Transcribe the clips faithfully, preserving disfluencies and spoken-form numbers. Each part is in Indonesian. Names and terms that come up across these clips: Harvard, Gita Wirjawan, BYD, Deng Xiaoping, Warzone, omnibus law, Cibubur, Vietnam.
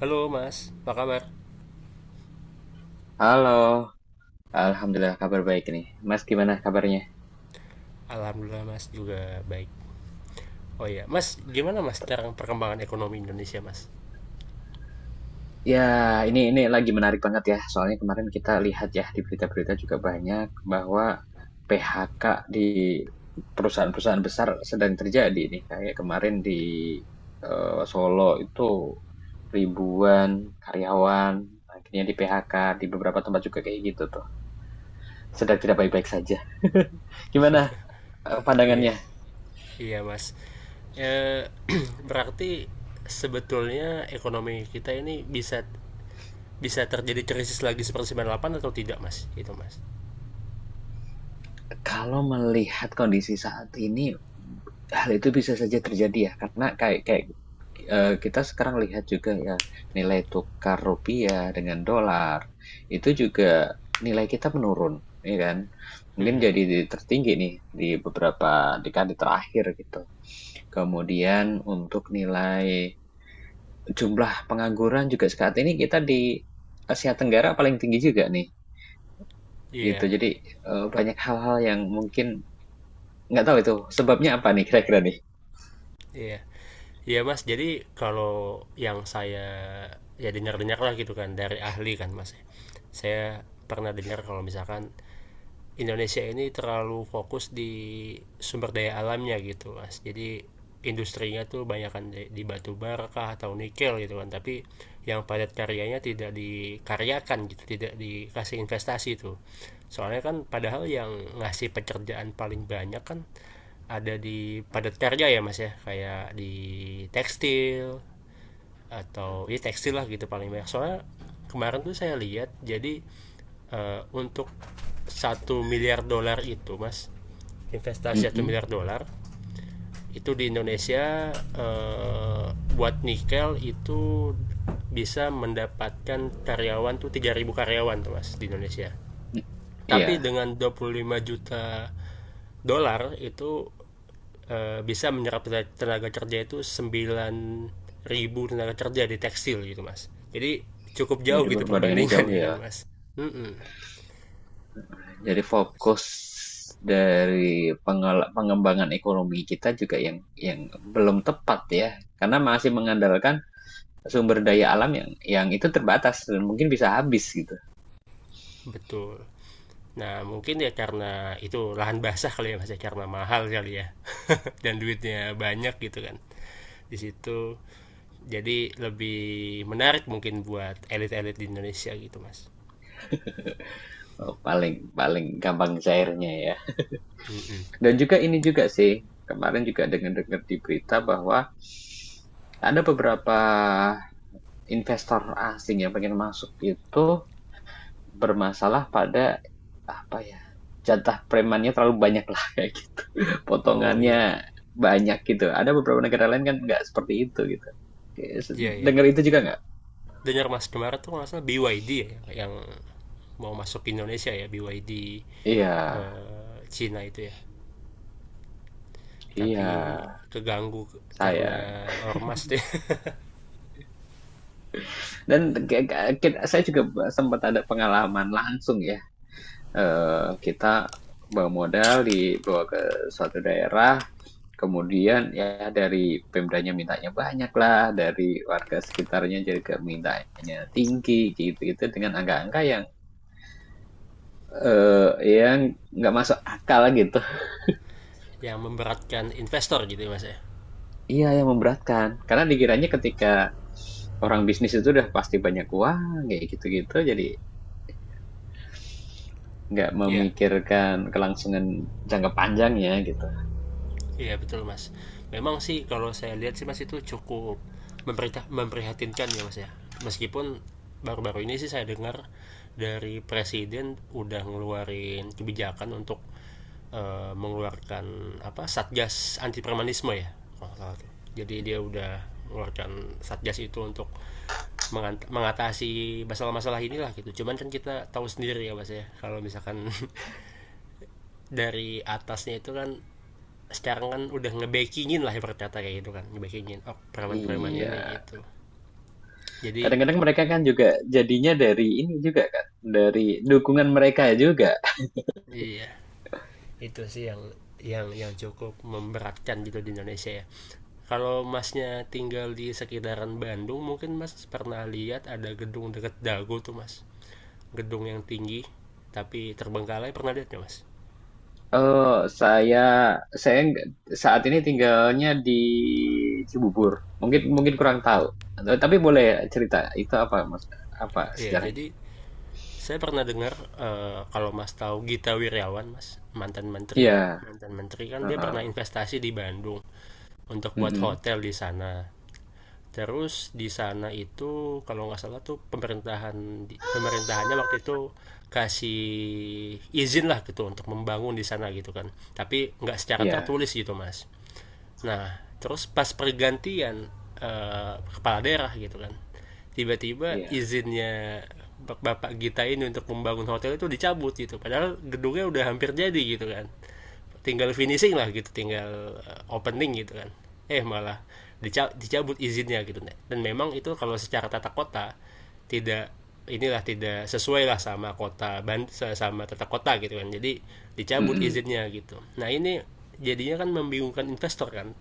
Halo Mas, apa kabar? Halo, alhamdulillah kabar baik nih. Mas gimana kabarnya? Alhamdulillah Mas juga baik. Oh iya, Mas, gimana Mas sekarang perkembangan ekonomi Indonesia Mas? Ya, ini ini lagi menarik banget ya. Soalnya kemarin kita lihat ya di berita-berita juga banyak bahwa P H K di perusahaan-perusahaan besar sedang terjadi nih. Kayak kemarin di eh, Solo itu ribuan karyawan akhirnya di P H K di beberapa tempat juga kayak gitu tuh. Sedang tidak baik-baik saja. Gimana eh, Iya, pandangannya. iya Mas. Eh, berarti sebetulnya ekonomi kita ini bisa bisa terjadi krisis lagi seperti sembilan puluh delapan atau tidak Mas? Itu Mas. Kalau melihat kondisi saat ini, hal itu bisa saja terjadi ya, karena kayak kayak, eee, kita sekarang lihat juga ya, nilai tukar rupiah dengan dolar, itu juga nilai kita menurun, ya kan? Mungkin Hmm, jadi di- tertinggi nih di beberapa dekade terakhir gitu. Kemudian untuk nilai jumlah pengangguran juga saat ini kita di Asia Tenggara paling tinggi juga nih, gitu. iya, Jadi, eee, banyak hal-hal yang mungkin. Nggak tahu itu sebabnya apa nih kira-kira nih? iya. Iya Mas, jadi kalau yang saya ya dengar-dengar lah gitu kan dari ahli kan Mas. Saya pernah dengar kalau misalkan Indonesia ini terlalu fokus di sumber daya alamnya gitu mas, jadi industrinya tuh banyak kan di, di batu bara kah atau nikel gitu kan. Tapi yang padat karyanya tidak dikaryakan gitu, tidak dikasih investasi tuh. Soalnya kan padahal yang ngasih pekerjaan paling banyak kan ada di padat karya ya mas ya, kayak di tekstil atau ya tekstil lah gitu paling banyak. Soalnya kemarin tuh saya lihat, jadi eh, untuk satu miliar dolar itu mas, investasi satu Mhm, miliar dolar itu di Indonesia, eh, buat nikel itu bisa mendapatkan karyawan tuh tiga ribu karyawan tuh mas di Indonesia. m, iya, Tapi dengan dua puluh lima juta dolar itu, eh, bisa menyerap tenaga kerja itu sembilan ribu tenaga kerja di tekstil gitu, Mas. Jadi cukup jadi jauh gitu perbandingannya perbandingan jauh ya kan, ya. Mas. Mm-mm, Jadi gitu, Mas. fokus dari pengela pengembangan ekonomi kita juga yang yang belum tepat ya, karena masih mengandalkan sumber daya alam yang yang itu terbatas dan mungkin bisa habis gitu. Betul. Nah, mungkin ya karena itu lahan basah kali ya Mas ya, karena mahal kali ya. Dan duitnya banyak gitu kan. Di situ jadi lebih menarik mungkin buat elit-elit di Indonesia gitu, Mas. eee, paling paling gampang cairnya ya. Mm-mm. Dan juga ini juga sih, kemarin juga dengar-dengar di berita bahwa ada beberapa investor asing yang pengen masuk itu bermasalah pada, apa ya, jatah premannya terlalu banyak lah kayak gitu. Oh iya, Potongannya banyak gitu. Ada beberapa negara lain kan nggak seperti itu gitu. iya ya. Dengar itu juga nggak? Dengar Mas kemarin tuh nggak salah B Y D ya, yang mau masuk ke Indonesia ya, B BYD Iya, eh, Cina itu ya. iya, Tapi keganggu karena sayang. ormas tuh Dan ke ke kit saya juga sempat ada pengalaman langsung ya, eee, kita bawa modal dibawa ke suatu daerah. Kemudian ya dari pemdanya mintanya banyak lah, dari warga sekitarnya jadi ke mintanya tinggi gitu-gitu dengan angka-angka yang eh, yang nggak masuk akal gitu. yang memberatkan investor gitu ya mas ya. Iya yang memberatkan karena dikiranya ketika orang bisnis itu udah pasti banyak uang kayak gitu-gitu jadi nggak Iya. memikirkan kelangsungan jangka panjangnya gitu. Iya betul mas. Memang sih kalau saya lihat sih mas, itu cukup memperita- memprihatinkan ya mas ya. Meskipun baru-baru ini sih saya dengar dari presiden udah ngeluarin kebijakan untuk eh, mengeluarkan apa satgas anti premanisme ya. Kalau salah tuh. Jadi dia udah mengeluarkan satgas itu untuk mengatasi masalah-masalah inilah gitu. Cuman kan kita tahu sendiri ya mas ya, kalau misalkan dari atasnya itu kan, sekarang kan udah ngebakingin lah ibarat kata kayak gitu kan, ngebakingin oh preman-preman Iya. ini gitu. Jadi Kadang-kadang mereka kan juga jadinya dari ini juga kan, dari dukungan mereka juga. iya, itu sih yang yang yang cukup memberatkan gitu di Indonesia ya. Kalau masnya tinggal di sekitaran Bandung, mungkin mas pernah lihat ada gedung deket Dago tuh mas, gedung yang tinggi tapi terbengkalai, pernah lihat nggak mas? Eee, saya saya nggak, saat ini tinggalnya di Cibubur. Mungkin mungkin kurang tahu, eee, tapi boleh cerita itu apa Mas, apa Iya sejarahnya? jadi, saya pernah dengar eh, kalau Mas tahu Gita Wirjawan, Mas, mantan menteri. Iya, Mantan menteri kan dia pernah heeh, investasi di Bandung untuk buat mhm, hotel di sana. Terus di sana itu kalau nggak salah tuh, pemerintahan pemerintahannya waktu itu kasih izin lah gitu untuk membangun di sana gitu kan. Tapi nggak secara iya, tertulis gitu mas. Nah terus pas pergantian eh, kepala daerah gitu kan, tiba-tiba iya, izinnya bapak Gita ini untuk membangun hotel itu dicabut gitu. Padahal gedungnya udah hampir jadi gitu kan, tinggal finishing lah gitu, tinggal eh, opening gitu kan, eh malah dicabut izinnya gitu. Dan memang itu kalau secara tata kota tidak inilah, tidak sesuai lah sama kota, sama tata kota gitu kan, jadi dicabut mhm, izinnya gitu. Nah ini jadinya kan membingungkan investor kan.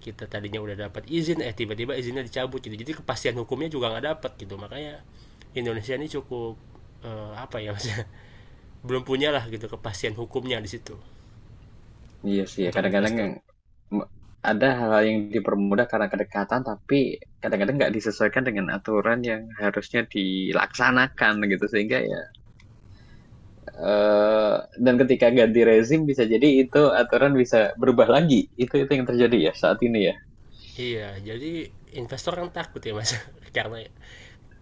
Kita tadinya udah dapat izin, eh tiba-tiba izinnya dicabut gitu. Jadi kepastian hukumnya juga nggak dapat gitu, makanya Indonesia ini cukup eh, apa ya maksudnya belum punya lah gitu kepastian hukumnya di situ iya sih ya untuk kadang-kadang yang investor. me ada hal-hal yang dipermudah karena kedekatan, tapi kadang-kadang nggak disesuaikan dengan aturan yang harusnya dilaksanakan gitu sehingga ya, Eee, dan ketika ganti rezim bisa jadi itu aturan bisa berubah lagi. Itu itu yang terjadi ya saat ini ya? Iya, jadi investor kan takut ya mas, karena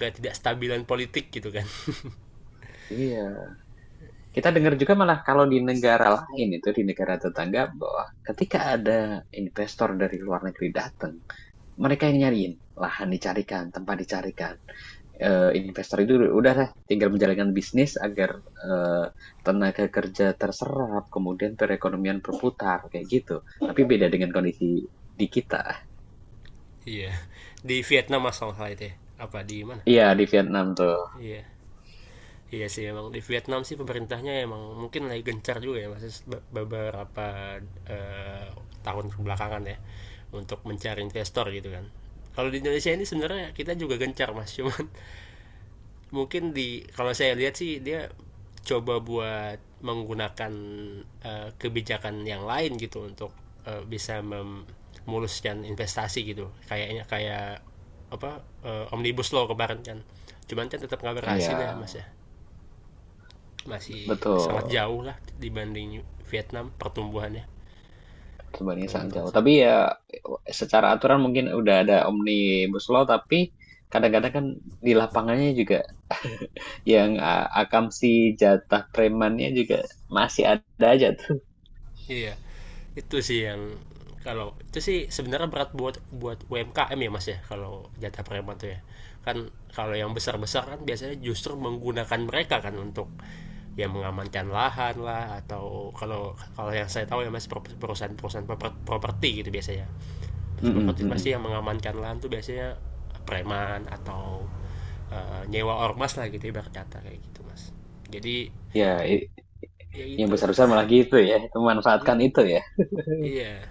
gak tidak stabilan politik gitu kan. Iya. Kita dengar juga malah kalau di negara lain itu, di negara tetangga bahwa ketika ada investor dari luar negeri datang, mereka yang nyariin, lahan dicarikan, tempat dicarikan. Eee, investor itu udah lah tinggal menjalankan bisnis agar, eee, tenaga kerja terserap, kemudian perekonomian berputar, kayak gitu. Tapi beda dengan kondisi di kita. Iya, di Vietnam masalah itu ya. Apa di mana? Iya, di Vietnam tuh. Iya, iya sih emang di Vietnam sih pemerintahnya emang mungkin lagi gencar juga ya mas, be- beberapa eh, tahun kebelakangan ya, untuk mencari investor gitu kan. Kalau di Indonesia ini sebenarnya kita juga gencar mas, cuman mungkin di kalau saya lihat sih dia coba buat menggunakan eh, kebijakan yang lain gitu untuk eh, bisa memuluskan investasi gitu, kayaknya kayak apa eh, omnibus law kemarin kan, cuman kan tetap nggak Iya, berhasil ya mas ya, masih sangat betul. jauh lah dibanding Vietnam pertumbuhannya, Sebenarnya kalau sangat menurut jauh. saya. Tapi ya secara aturan mungkin udah ada omnibus law, tapi kadang-kadang kan di lapangannya juga yang uh, akamsi jatah premannya juga masih ada aja tuh. Iya. Itu sih yang, kalau itu sih sebenarnya berat buat buat U M K M ya Mas ya, kalau jatah preman tuh ya. Kan kalau yang besar-besar kan biasanya justru menggunakan mereka kan untuk ya mengamankan lahan lah, atau kalau kalau yang saya tahu ya Mas, perusahaan-perusahaan properti gitu biasanya. Perusahaan Mm-mm, properti pasti mm-mm. yang mengamankan lahan tuh biasanya preman, atau eh, nyewa ormas lah gitu ibarat kata kayak gitu Mas. Jadi Ya, i- ya yang gitu. besar-besar malah gitu ya, itu memanfaatkan Mm-mm. itu ya. Iya,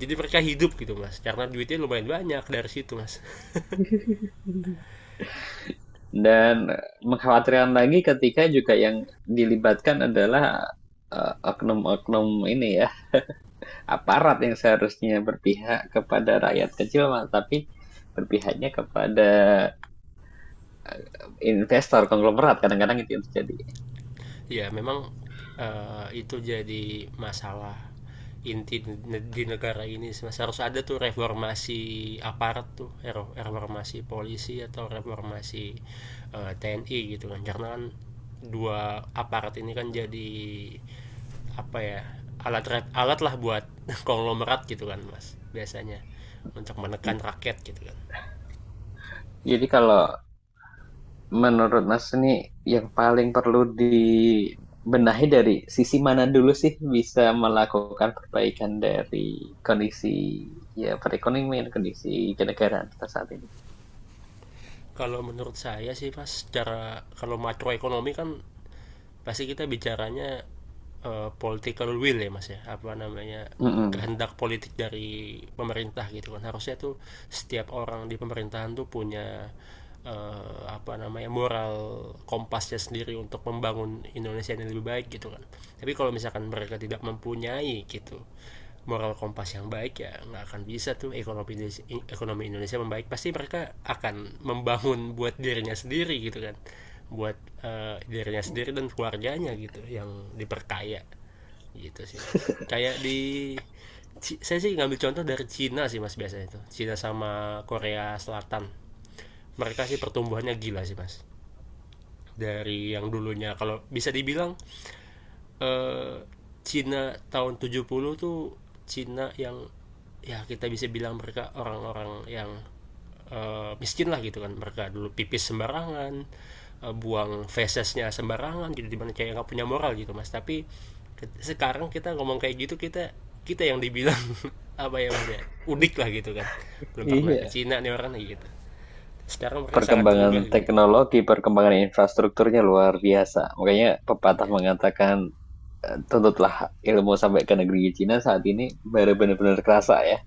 jadi mereka hidup gitu mas karena duitnya lumayan banyak dari situ mas. Dan mengkhawatirkan lagi ketika juga yang dilibatkan adalah uh, oknum-oknum ini ya, aparat yang seharusnya berpihak kepada rakyat kecil, malah tapi berpihaknya kepada investor konglomerat kadang-kadang itu yang terjadi. Ya memang eh, itu jadi masalah inti di negara ini mas, harus ada tuh reformasi aparat tuh, reformasi polisi atau reformasi eh, T N I gitu kan. Karena kan dua aparat ini kan jadi apa ya, alat alat lah buat konglomerat gitu kan mas biasanya, untuk menekan rakyat gitu kan. Jadi kalau menurut Mas ini yang paling perlu dibenahi dari sisi mana dulu sih bisa melakukan perbaikan dari kondisi ya perekonomian kondisi kenegaraan kita saat ini. Kalau menurut saya sih Mas, secara kalau makroekonomi kan pasti kita bicaranya eh, political will ya Mas ya, apa namanya, Mm-mm. kehendak politik dari pemerintah gitu kan. Harusnya tuh setiap orang di pemerintahan tuh punya eh, apa namanya moral kompasnya sendiri untuk membangun Indonesia yang lebih baik gitu kan. Tapi kalau misalkan mereka tidak mempunyai gitu moral kompas yang baik, ya nggak akan bisa tuh ekonomi Indonesia, ekonomi Indonesia membaik. Pasti mereka akan membangun buat dirinya sendiri gitu kan, buat eh, dirinya sendiri dan keluarganya gitu yang diperkaya. Gitu sih mas, kayak di Ci- saya sih ngambil contoh dari Cina sih mas, biasanya itu Cina sama Korea Selatan mereka sih pertumbuhannya gila sih mas, dari yang dulunya kalau bisa dibilang eh, Cina tahun tujuh puluh tuh, Cina yang ya kita bisa bilang mereka orang-orang yang eh, miskin lah gitu kan. Mereka dulu pipis sembarangan, eh, buang fesesnya sembarangan, jadi dimana kayak nggak punya moral gitu mas. Tapi ke- sekarang kita ngomong kayak gitu, kita kita yang dibilang apa ya mas ya, udik lah gitu kan, belum pernah ke Iya, Cina nih orang gitu. Sekarang mereka sangat perkembangan berubah gitu. teknologi, perkembangan infrastrukturnya luar biasa. Makanya pepatah Iya. mengatakan tuntutlah ilmu sampai ke negeri Cina saat ini baru benar-benar kerasa ya.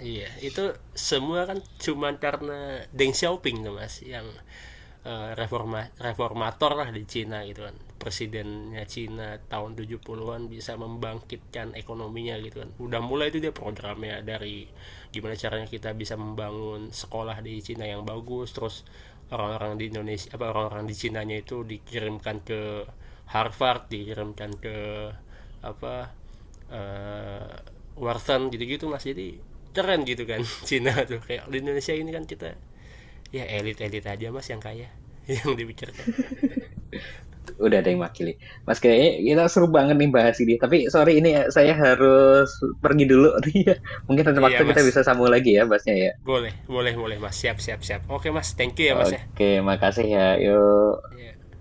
Iya, itu semua kan cuman karena Deng Xiaoping tuh Mas yang eh, reforma reformator lah di Cina gitu kan. Presidennya Cina tahun tujuh puluhan-an bisa membangkitkan ekonominya gitu kan. Udah mulai itu dia programnya dari gimana caranya kita bisa membangun sekolah di Cina yang bagus, terus orang-orang di Indonesia apa orang-orang di Cinanya itu dikirimkan ke Harvard, dikirimkan ke apa eh Warzone gitu-gitu mas, jadi keren gitu kan. Cina tuh, kayak di Indonesia ini kan kita ya elit-elit aja mas yang kaya yang dipikirkan. Udah ada yang makili. Mas kayaknya kita seru banget nih bahas ini. Tapi sorry ini ya, saya harus pergi dulu nih ya. Mungkin ada waktu Iya kita mas, bisa sambung lagi ya bahasnya ya. boleh boleh boleh mas, siap siap siap, oke mas, thank you ya mas ya. Oke, makasih ya. Yuk. Iya.